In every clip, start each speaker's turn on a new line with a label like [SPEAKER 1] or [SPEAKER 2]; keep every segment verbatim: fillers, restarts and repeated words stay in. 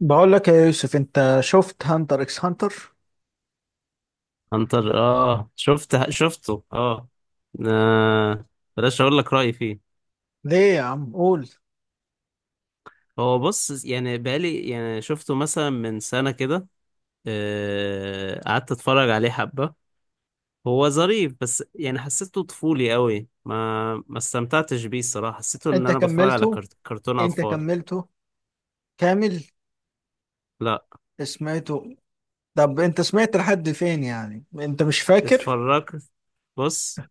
[SPEAKER 1] بقول لك يا يوسف، انت شفت هانتر اكس هانتر؟
[SPEAKER 2] عنتر، اه شفت شفته اه آه، بلاش اقول لك رأيي فيه.
[SPEAKER 1] ليه يا عم؟ قول.
[SPEAKER 2] هو بص، يعني بقالي يعني شفته مثلا من سنة كده. آه، قعدت اتفرج عليه حبة. هو ظريف بس يعني حسيته طفولي قوي، ما ما استمتعتش بيه الصراحة. حسيته ان
[SPEAKER 1] انت
[SPEAKER 2] انا بتفرج على
[SPEAKER 1] كملته
[SPEAKER 2] كرت- كرتون
[SPEAKER 1] انت
[SPEAKER 2] اطفال.
[SPEAKER 1] كملته كامل؟
[SPEAKER 2] لا،
[SPEAKER 1] سمعته؟ طب انت سمعت لحد فين؟ يعني انت مش فاكر؟
[SPEAKER 2] اتفرجت. بص،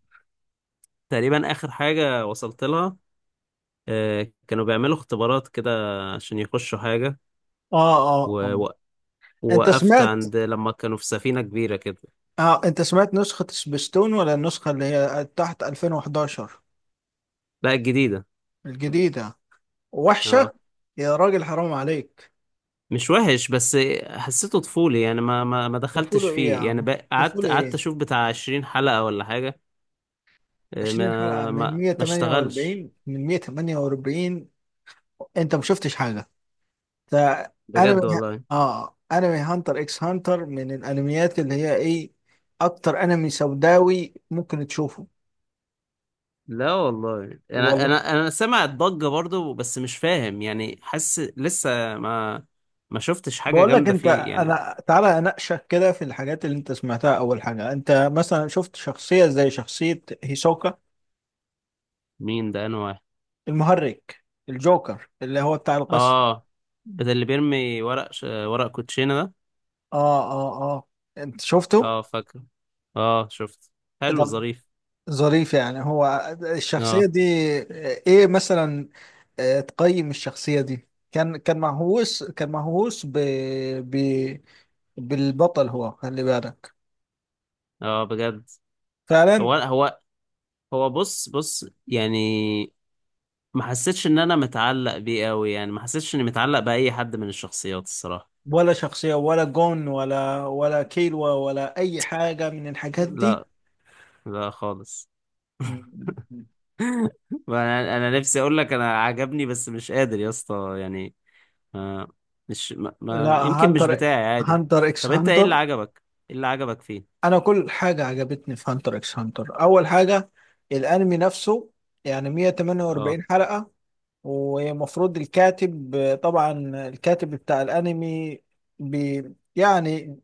[SPEAKER 2] تقريبا اخر حاجة وصلت لها، آه، كانوا بيعملوا اختبارات كده عشان يخشوا حاجة.
[SPEAKER 1] اه، اه، اه، انت
[SPEAKER 2] وقفت
[SPEAKER 1] سمعت؟
[SPEAKER 2] عند لما كانوا في سفينة كبيرة كده.
[SPEAKER 1] اه، انت سمعت نسخة سبيستون ولا النسخة اللي هي تحت ألفين وأحد عشر؟
[SPEAKER 2] لا، الجديدة.
[SPEAKER 1] الجديدة؟ وحشة.
[SPEAKER 2] اه،
[SPEAKER 1] يا راجل حرام عليك.
[SPEAKER 2] مش وحش، بس حسيته طفولي يعني ما ما ما
[SPEAKER 1] طفوله
[SPEAKER 2] دخلتش
[SPEAKER 1] ايه يا
[SPEAKER 2] فيه يعني،
[SPEAKER 1] عم؟
[SPEAKER 2] بق- قعدت
[SPEAKER 1] طفوله
[SPEAKER 2] قعدت
[SPEAKER 1] ايه؟
[SPEAKER 2] اشوف بتاع عشرين حلقة ولا حاجة. آه،
[SPEAKER 1] عشرين حلقة
[SPEAKER 2] ما
[SPEAKER 1] من
[SPEAKER 2] ما ما اشتغلش.
[SPEAKER 1] مية وتمنية وأربعين من مية وتمنية وأربعين انت ما شفتش حاجة فانمي.
[SPEAKER 2] بجد والله.
[SPEAKER 1] اه انمي هانتر اكس هانتر من الانميات اللي هي ايه؟ اكتر انمي سوداوي ممكن تشوفه.
[SPEAKER 2] لا والله، انا
[SPEAKER 1] والله.
[SPEAKER 2] انا انا سامع الضجة برضو بس مش فاهم، يعني حاسس لسه ما ما شفتش حاجة
[SPEAKER 1] بقول لك
[SPEAKER 2] جامدة
[SPEAKER 1] انت،
[SPEAKER 2] فيه يعني.
[SPEAKER 1] انا تعالى اناقشك كده في الحاجات اللي انت سمعتها. اول حاجه، انت مثلا شفت شخصيه زي شخصيه هيسوكا؟
[SPEAKER 2] مين ده؟ انا واحد.
[SPEAKER 1] المهرج، الجوكر اللي هو بتاع القصر؟
[SPEAKER 2] اه، ده اللي بيرمي ورق ش... ورق كوتشينة ده.
[SPEAKER 1] اه، اه، اه، انت شفته؟
[SPEAKER 2] اه فاكر، اه شفت.
[SPEAKER 1] إيه
[SPEAKER 2] حلو،
[SPEAKER 1] ده؟
[SPEAKER 2] ظريف.
[SPEAKER 1] ظريف يعني هو الشخصية
[SPEAKER 2] اه
[SPEAKER 1] دي؟ ايه مثلا؟ آه، تقيم الشخصية دي، كان كان مهووس كان مهووس ب... ب... بالبطل، هو خلي بالك.
[SPEAKER 2] اه، بجد. هو
[SPEAKER 1] فعلا.
[SPEAKER 2] هو هو بص بص يعني ما حسيتش ان انا متعلق بيه قوي، يعني ما حسيتش اني متعلق باي حد من الشخصيات الصراحة.
[SPEAKER 1] ولا شخصية؟ ولا جون ولا ولا كيلو ولا أي حاجة من الحاجات دي؟
[SPEAKER 2] لا، لا خالص. انا انا نفسي اقول لك انا عجبني بس مش قادر يا اسطى يعني. ما مش ما,
[SPEAKER 1] لا
[SPEAKER 2] ما يمكن مش
[SPEAKER 1] هانتر،
[SPEAKER 2] بتاعي، عادي.
[SPEAKER 1] هانتر اكس
[SPEAKER 2] طب انت ايه اللي
[SPEAKER 1] هانتر.
[SPEAKER 2] عجبك؟ ايه اللي عجبك فيه؟
[SPEAKER 1] انا كل حاجه عجبتني في هانتر اكس هانتر. اول حاجه الانمي نفسه، يعني
[SPEAKER 2] اه.
[SPEAKER 1] مية وتمنية وأربعين حلقه. ومفروض الكاتب، طبعا الكاتب بتاع الانمي بي، يعني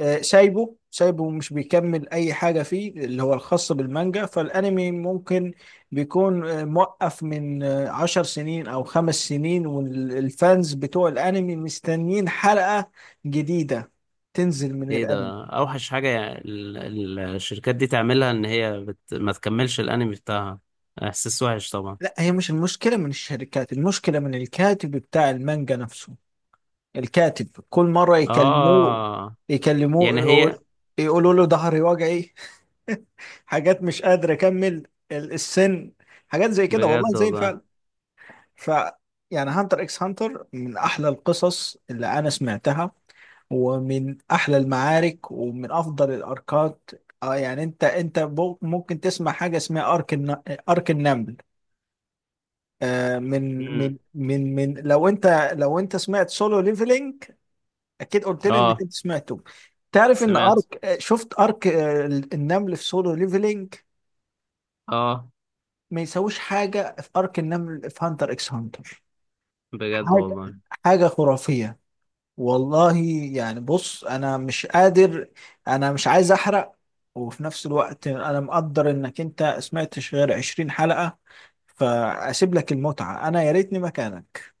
[SPEAKER 1] آه، سايبه سايبه ومش بيكمل اي حاجه فيه اللي هو الخاص بالمانجا. فالانمي ممكن بيكون آه، موقف من آه، عشر سنين او خمس سنين، والفانز بتوع الانمي مستنيين حلقه جديده تنزل من
[SPEAKER 2] ايه
[SPEAKER 1] الانمي.
[SPEAKER 2] ده؟ اوحش حاجة ال- ال- الشركات دي تعملها ان هي بت... ما تكملش الانمي بتاعها. احساس وحش طبعا.
[SPEAKER 1] لا هي مش المشكله من الشركات، المشكله من الكاتب بتاع المانجا نفسه. الكاتب كل مرة يكلموه
[SPEAKER 2] اه،
[SPEAKER 1] يكلموه
[SPEAKER 2] يعني هي.
[SPEAKER 1] يقول، يقولوا له ظهري وجعي، حاجات مش قادر أكمل، ال- السن، حاجات زي كده والله
[SPEAKER 2] بجد
[SPEAKER 1] زي
[SPEAKER 2] والله.
[SPEAKER 1] الفعل. ف، يعني هانتر اكس هانتر من أحلى القصص اللي أنا سمعتها، ومن أحلى المعارك، ومن أفضل الأركات. آه يعني أنت أنت بو- ممكن تسمع حاجة اسمها أرك الن- أرك النمل. آه من
[SPEAKER 2] امم.
[SPEAKER 1] من من من لو أنت، لو أنت سمعت سولو ليفلينج، اكيد قلت لي انك
[SPEAKER 2] اه،
[SPEAKER 1] انت سمعته. تعرف ان
[SPEAKER 2] سمعت.
[SPEAKER 1] ارك، آه، شفت ارك آه، النمل في سولو ليفلينج؟
[SPEAKER 2] اه،
[SPEAKER 1] ما يساويش حاجه في ارك النمل في هانتر اكس هانتر.
[SPEAKER 2] بجد
[SPEAKER 1] حاجه،
[SPEAKER 2] والله.
[SPEAKER 1] حاجه خرافيه والله. يعني بص انا مش قادر، انا مش عايز احرق. وفي نفس الوقت انا مقدر انك انت سمعتش غير عشرين حلقه، فاسيب لك المتعه، انا يا ريتني مكانك.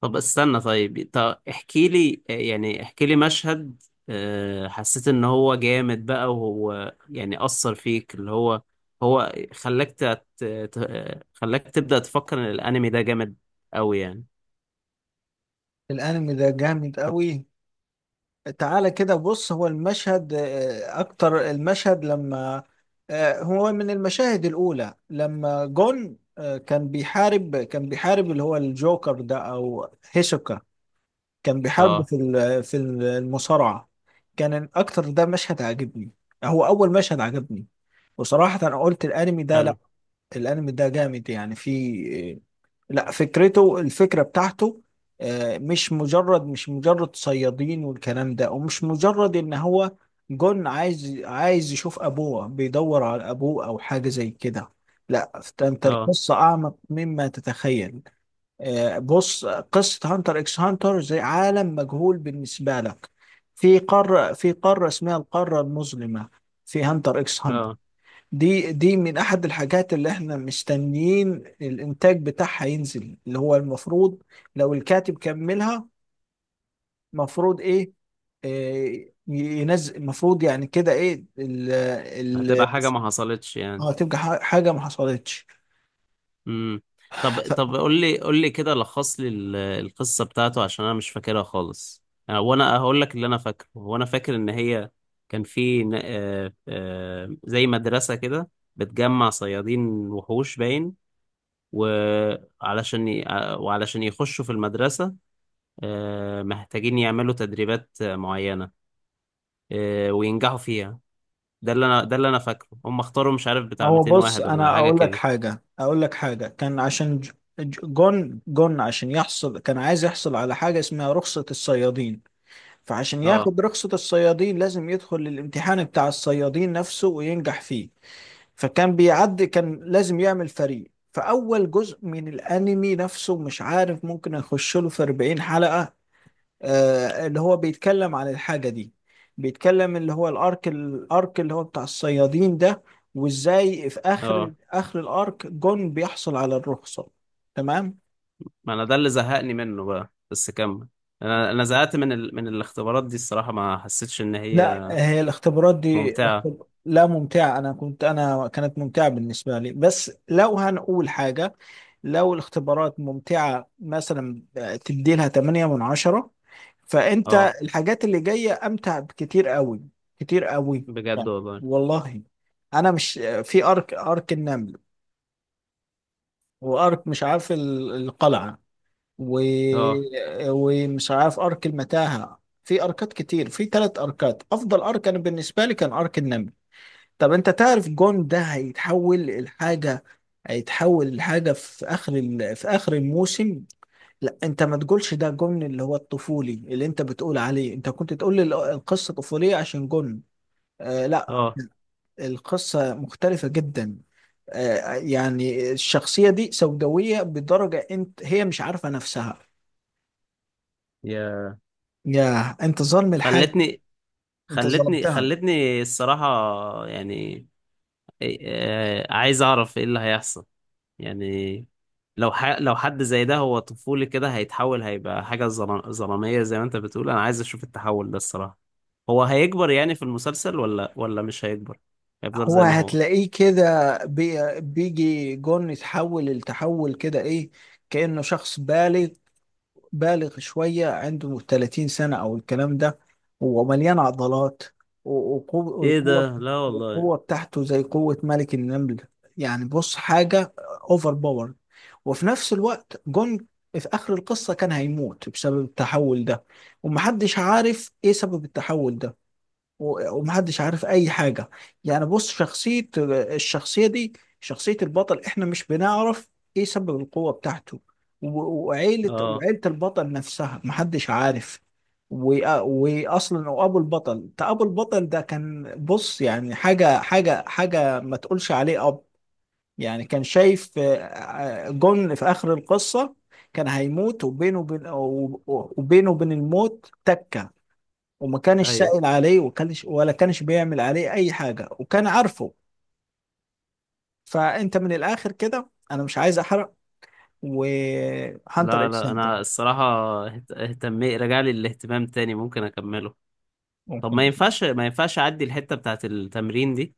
[SPEAKER 2] طب استنى، طيب طب احكي لي، يعني احكي لي مشهد آه، حسيت ان هو جامد بقى، وهو يعني اثر فيك اللي هو. هو خلاك تت... ت- خلاك تبدأ تفكر ان الانمي ده جامد قوي يعني.
[SPEAKER 1] الانمي ده جامد قوي. تعالى كده بص، هو المشهد آه، اكتر المشهد لما، آه، هو من المشاهد الاولى لما جون آه، كان بيحارب كان بيحارب اللي هو الجوكر ده او هيسوكا، كان بيحاربه
[SPEAKER 2] اه.
[SPEAKER 1] في ال- في المصارعة. كان اكتر ده مشهد عجبني، هو اول مشهد عجبني. وصراحة انا قلت الانمي ده، لا
[SPEAKER 2] حلو.
[SPEAKER 1] الانمي ده جامد يعني. في، لا فكرته، الفكرة بتاعته، آه، مش مجرد مش مجرد صيادين والكلام ده، ومش مجرد ان هو جون عايز عايز يشوف ابوه، بيدور على ابوه او حاجة زي كده. لا فت- انت
[SPEAKER 2] اه
[SPEAKER 1] القصة اعمق مما تتخيل. آه، بص، قصة هانتر اكس هانتر زي عالم مجهول بالنسبة لك. في قارة، في قارة اسمها القارة المظلمة في هانتر اكس هانتر.
[SPEAKER 2] اه.
[SPEAKER 1] دي دي من احد الحاجات اللي احنا مستنيين الانتاج بتاعها ينزل، اللي هو المفروض لو الكاتب كملها مفروض ايه, إيه ينزل، المفروض يعني كده ايه ال، ال،
[SPEAKER 2] هتبقى حاجة ما حصلتش يعني.
[SPEAKER 1] اه تبقى ح- حاجة ما حصلتش.
[SPEAKER 2] امم. طب
[SPEAKER 1] ف-
[SPEAKER 2] طب قول لي قول لي كده، لخص لي ال- القصة بتاعته عشان انا مش فاكرها خالص، انا وانا هقول لك اللي انا فاكره. وانا فاكر ان هي كان في ن- آه، آه، زي مدرسة كده بتجمع صيادين وحوش باين. وعلشان ي- آه، وعلشان يخشوا في المدرسة آه، محتاجين يعملوا تدريبات آه، معينة آه، وينجحوا فيها. ده اللي انا ده اللي انا فاكره. هم اختاروا مش عارف بتاع
[SPEAKER 1] هو
[SPEAKER 2] مئتين
[SPEAKER 1] بص،
[SPEAKER 2] واحد ولا
[SPEAKER 1] انا
[SPEAKER 2] حاجة
[SPEAKER 1] اقول لك
[SPEAKER 2] كده.
[SPEAKER 1] حاجة اقول لك حاجة كان عشان ج- ج- جون جون عشان يحصل، كان عايز يحصل على حاجة اسمها رخصة الصيادين. فعشان
[SPEAKER 2] اه
[SPEAKER 1] ياخد رخصة الصيادين لازم يدخل الامتحان بتاع الصيادين نفسه وينجح فيه. فكان بيعدي، كان لازم يعمل فريق. فأول جزء من الأنمي نفسه، مش عارف، ممكن أخش له في أربعين حلقة، آه اللي هو بيتكلم عن الحاجة دي، بيتكلم اللي هو الأرك الأرك اللي هو بتاع الصيادين ده، وإزاي في آخر
[SPEAKER 2] اه.
[SPEAKER 1] آخر الأرك جون بيحصل على الرخصة. تمام.
[SPEAKER 2] ما انا ده اللي زهقني منه بقى، بس كمل. انا انا زهقت من ال... من الاختبارات دي الصراحه، ما حسيتش ان
[SPEAKER 1] لا
[SPEAKER 2] هي
[SPEAKER 1] هي الاختبارات دي
[SPEAKER 2] ممتعه.
[SPEAKER 1] الاختب... لا ممتعة. أنا كنت أنا كانت ممتعة بالنسبة لي. بس لو هنقول حاجة، لو الاختبارات ممتعة مثلا تديلها ثمانية من عشرة، فأنت
[SPEAKER 2] اه،
[SPEAKER 1] الحاجات اللي جاية أمتع بكتير قوي، كتير قوي.
[SPEAKER 2] بجد
[SPEAKER 1] يعني
[SPEAKER 2] والله.
[SPEAKER 1] والله أنا مش، في أرك، أرك النمل، وأرك مش عارف ال- القلعة، و...
[SPEAKER 2] اه
[SPEAKER 1] ومش عارف أرك المتاهة، في أركات كتير، في ثلاث أركات أفضل أرك أنا بالنسبة لي كان أرك النمل. طب انت تعرف جون ده هيتحول لحاجة؟ هيتحول لحاجة في اخر ال... في اخر الموسم. لا انت ما تقولش ده جون اللي هو الطفولي اللي انت بتقول عليه، انت كنت تقول لي ال- القصة طفولية عشان جون. آه لا
[SPEAKER 2] اه.
[SPEAKER 1] القصة مختلفة جدا. آه يعني الشخصية دي سوداوية بدرجة انت هي مش عارفة نفسها.
[SPEAKER 2] يا.
[SPEAKER 1] يا انت ظالم الحاجة،
[SPEAKER 2] خلتني
[SPEAKER 1] انت
[SPEAKER 2] خلتني
[SPEAKER 1] ظلمتها.
[SPEAKER 2] خلتني الصراحه يعني. إيه- آه، عايز اعرف ايه اللي هيحصل يعني. لو ح... لو حد زي ده، هو طفولي كده، هيتحول، هيبقى حاجة ظلام- ظلامية زي ما انت بتقول. انا عايز اشوف التحول ده الصراحة. هو هيكبر يعني في المسلسل ولا ولا مش هيكبر؟ هيفضل
[SPEAKER 1] هو
[SPEAKER 2] زي ما هو؟
[SPEAKER 1] هتلاقيه كده بي، بيجي جون يتحول التحول كده ايه، كأنه شخص بالغ، بالغ شوية عنده ثلاثين سنة او الكلام ده، ومليان عضلات، و- وقو-
[SPEAKER 2] ايه
[SPEAKER 1] والقوة،
[SPEAKER 2] ده؟ لا والله.
[SPEAKER 1] القوة بتاعته زي قوة ملك النمل. يعني بص حاجة اوفر باور. وفي نفس الوقت جون في آخر القصة كان هيموت بسبب التحول ده، ومحدش عارف ايه سبب التحول ده، و- ومحدش عارف اي حاجه. يعني بص شخصيه، الشخصيه دي، شخصيه البطل، احنا مش بنعرف ايه سبب القوه بتاعته. و- وعيله
[SPEAKER 2] اه.
[SPEAKER 1] وعيله البطل نفسها محدش عارف. و- واصلا وابو البطل ده، ابو البطل ده كان بص، يعني حاجه، حاجه حاجه ما تقولش عليه اب. يعني كان شايف آه، آه، جون في اخر القصه كان هيموت، وبينه وبين، وبينه وبين الموت تكه، وما كانش
[SPEAKER 2] ايوه.
[SPEAKER 1] سائل عليه، وكانش ولا كانش بيعمل عليه اي حاجه، وكان عارفه. فانت من الاخر كده انا مش عايز احرق. وهانتر
[SPEAKER 2] لا
[SPEAKER 1] اكس
[SPEAKER 2] لا،
[SPEAKER 1] هانتر،
[SPEAKER 2] انا الصراحة اهت- اهتمي رجع لي الاهتمام تاني، ممكن اكمله. طب
[SPEAKER 1] ممكن.
[SPEAKER 2] ما ينفعش ما ينفعش اعدي الحتة بتاعت التمرين دي؟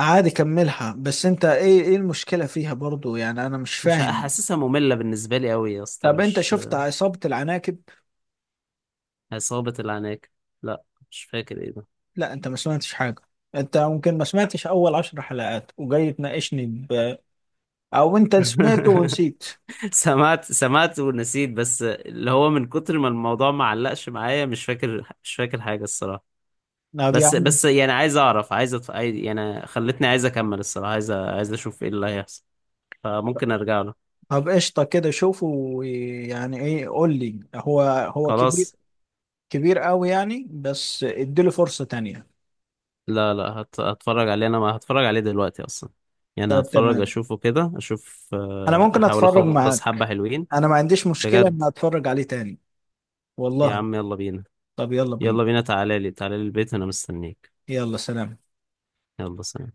[SPEAKER 1] عادي كملها، بس انت ايه، ايه المشكله فيها برضو؟ يعني انا مش
[SPEAKER 2] مش
[SPEAKER 1] فاهم.
[SPEAKER 2] حاسسها، مملة بالنسبة لي قوي يا اسطى،
[SPEAKER 1] طب انت
[SPEAKER 2] مش.
[SPEAKER 1] شفت عصابه العناكب؟
[SPEAKER 2] عصابة العناكب؟ لا، مش فاكر ايه ده.
[SPEAKER 1] لا انت ما سمعتش حاجه، انت ممكن ما سمعتش اول عشر حلقات وجاي تناقشني ب... او انت سمعته ونسيت.
[SPEAKER 2] سمعت سمعت ونسيت، بس اللي هو من كتر ما الموضوع ما علقش معايا مش فاكر، مش فاكر حاجة الصراحة.
[SPEAKER 1] طب يا
[SPEAKER 2] بس
[SPEAKER 1] عم،
[SPEAKER 2] بس يعني عايز اعرف، عايز أتف... عايز- يعني خلتني عايز اكمل الصراحة، عايز أ- عايز اشوف ايه اللي هيحصل. فممكن ارجع له.
[SPEAKER 1] طب قشطه كده شوفه، ويعني ايه قول لي، هو هو كبير،
[SPEAKER 2] خلاص،
[SPEAKER 1] كبير قوي يعني. بس اديله فرصة تانية.
[SPEAKER 2] لا لا هت... هتفرج عليه. انا ما هتفرج عليه دلوقتي اصلا، يعني
[SPEAKER 1] طب
[SPEAKER 2] هتفرج
[SPEAKER 1] تمام،
[SPEAKER 2] اشوفه كده، اشوف،
[SPEAKER 1] انا
[SPEAKER 2] آه،
[SPEAKER 1] ممكن
[SPEAKER 2] احاول
[SPEAKER 1] اتفرج
[SPEAKER 2] اخلص
[SPEAKER 1] معاك.
[SPEAKER 2] حبة حلوين.
[SPEAKER 1] انا ما عنديش مشكلة
[SPEAKER 2] بجد؟
[SPEAKER 1] ان اتفرج عليه تاني.
[SPEAKER 2] يا
[SPEAKER 1] والله.
[SPEAKER 2] عم يلا بينا.
[SPEAKER 1] طب يلا بينا.
[SPEAKER 2] يلا بينا، تعالى لي تعالى لي البيت انا مستنيك.
[SPEAKER 1] يلا سلام.
[SPEAKER 2] يلا سلام.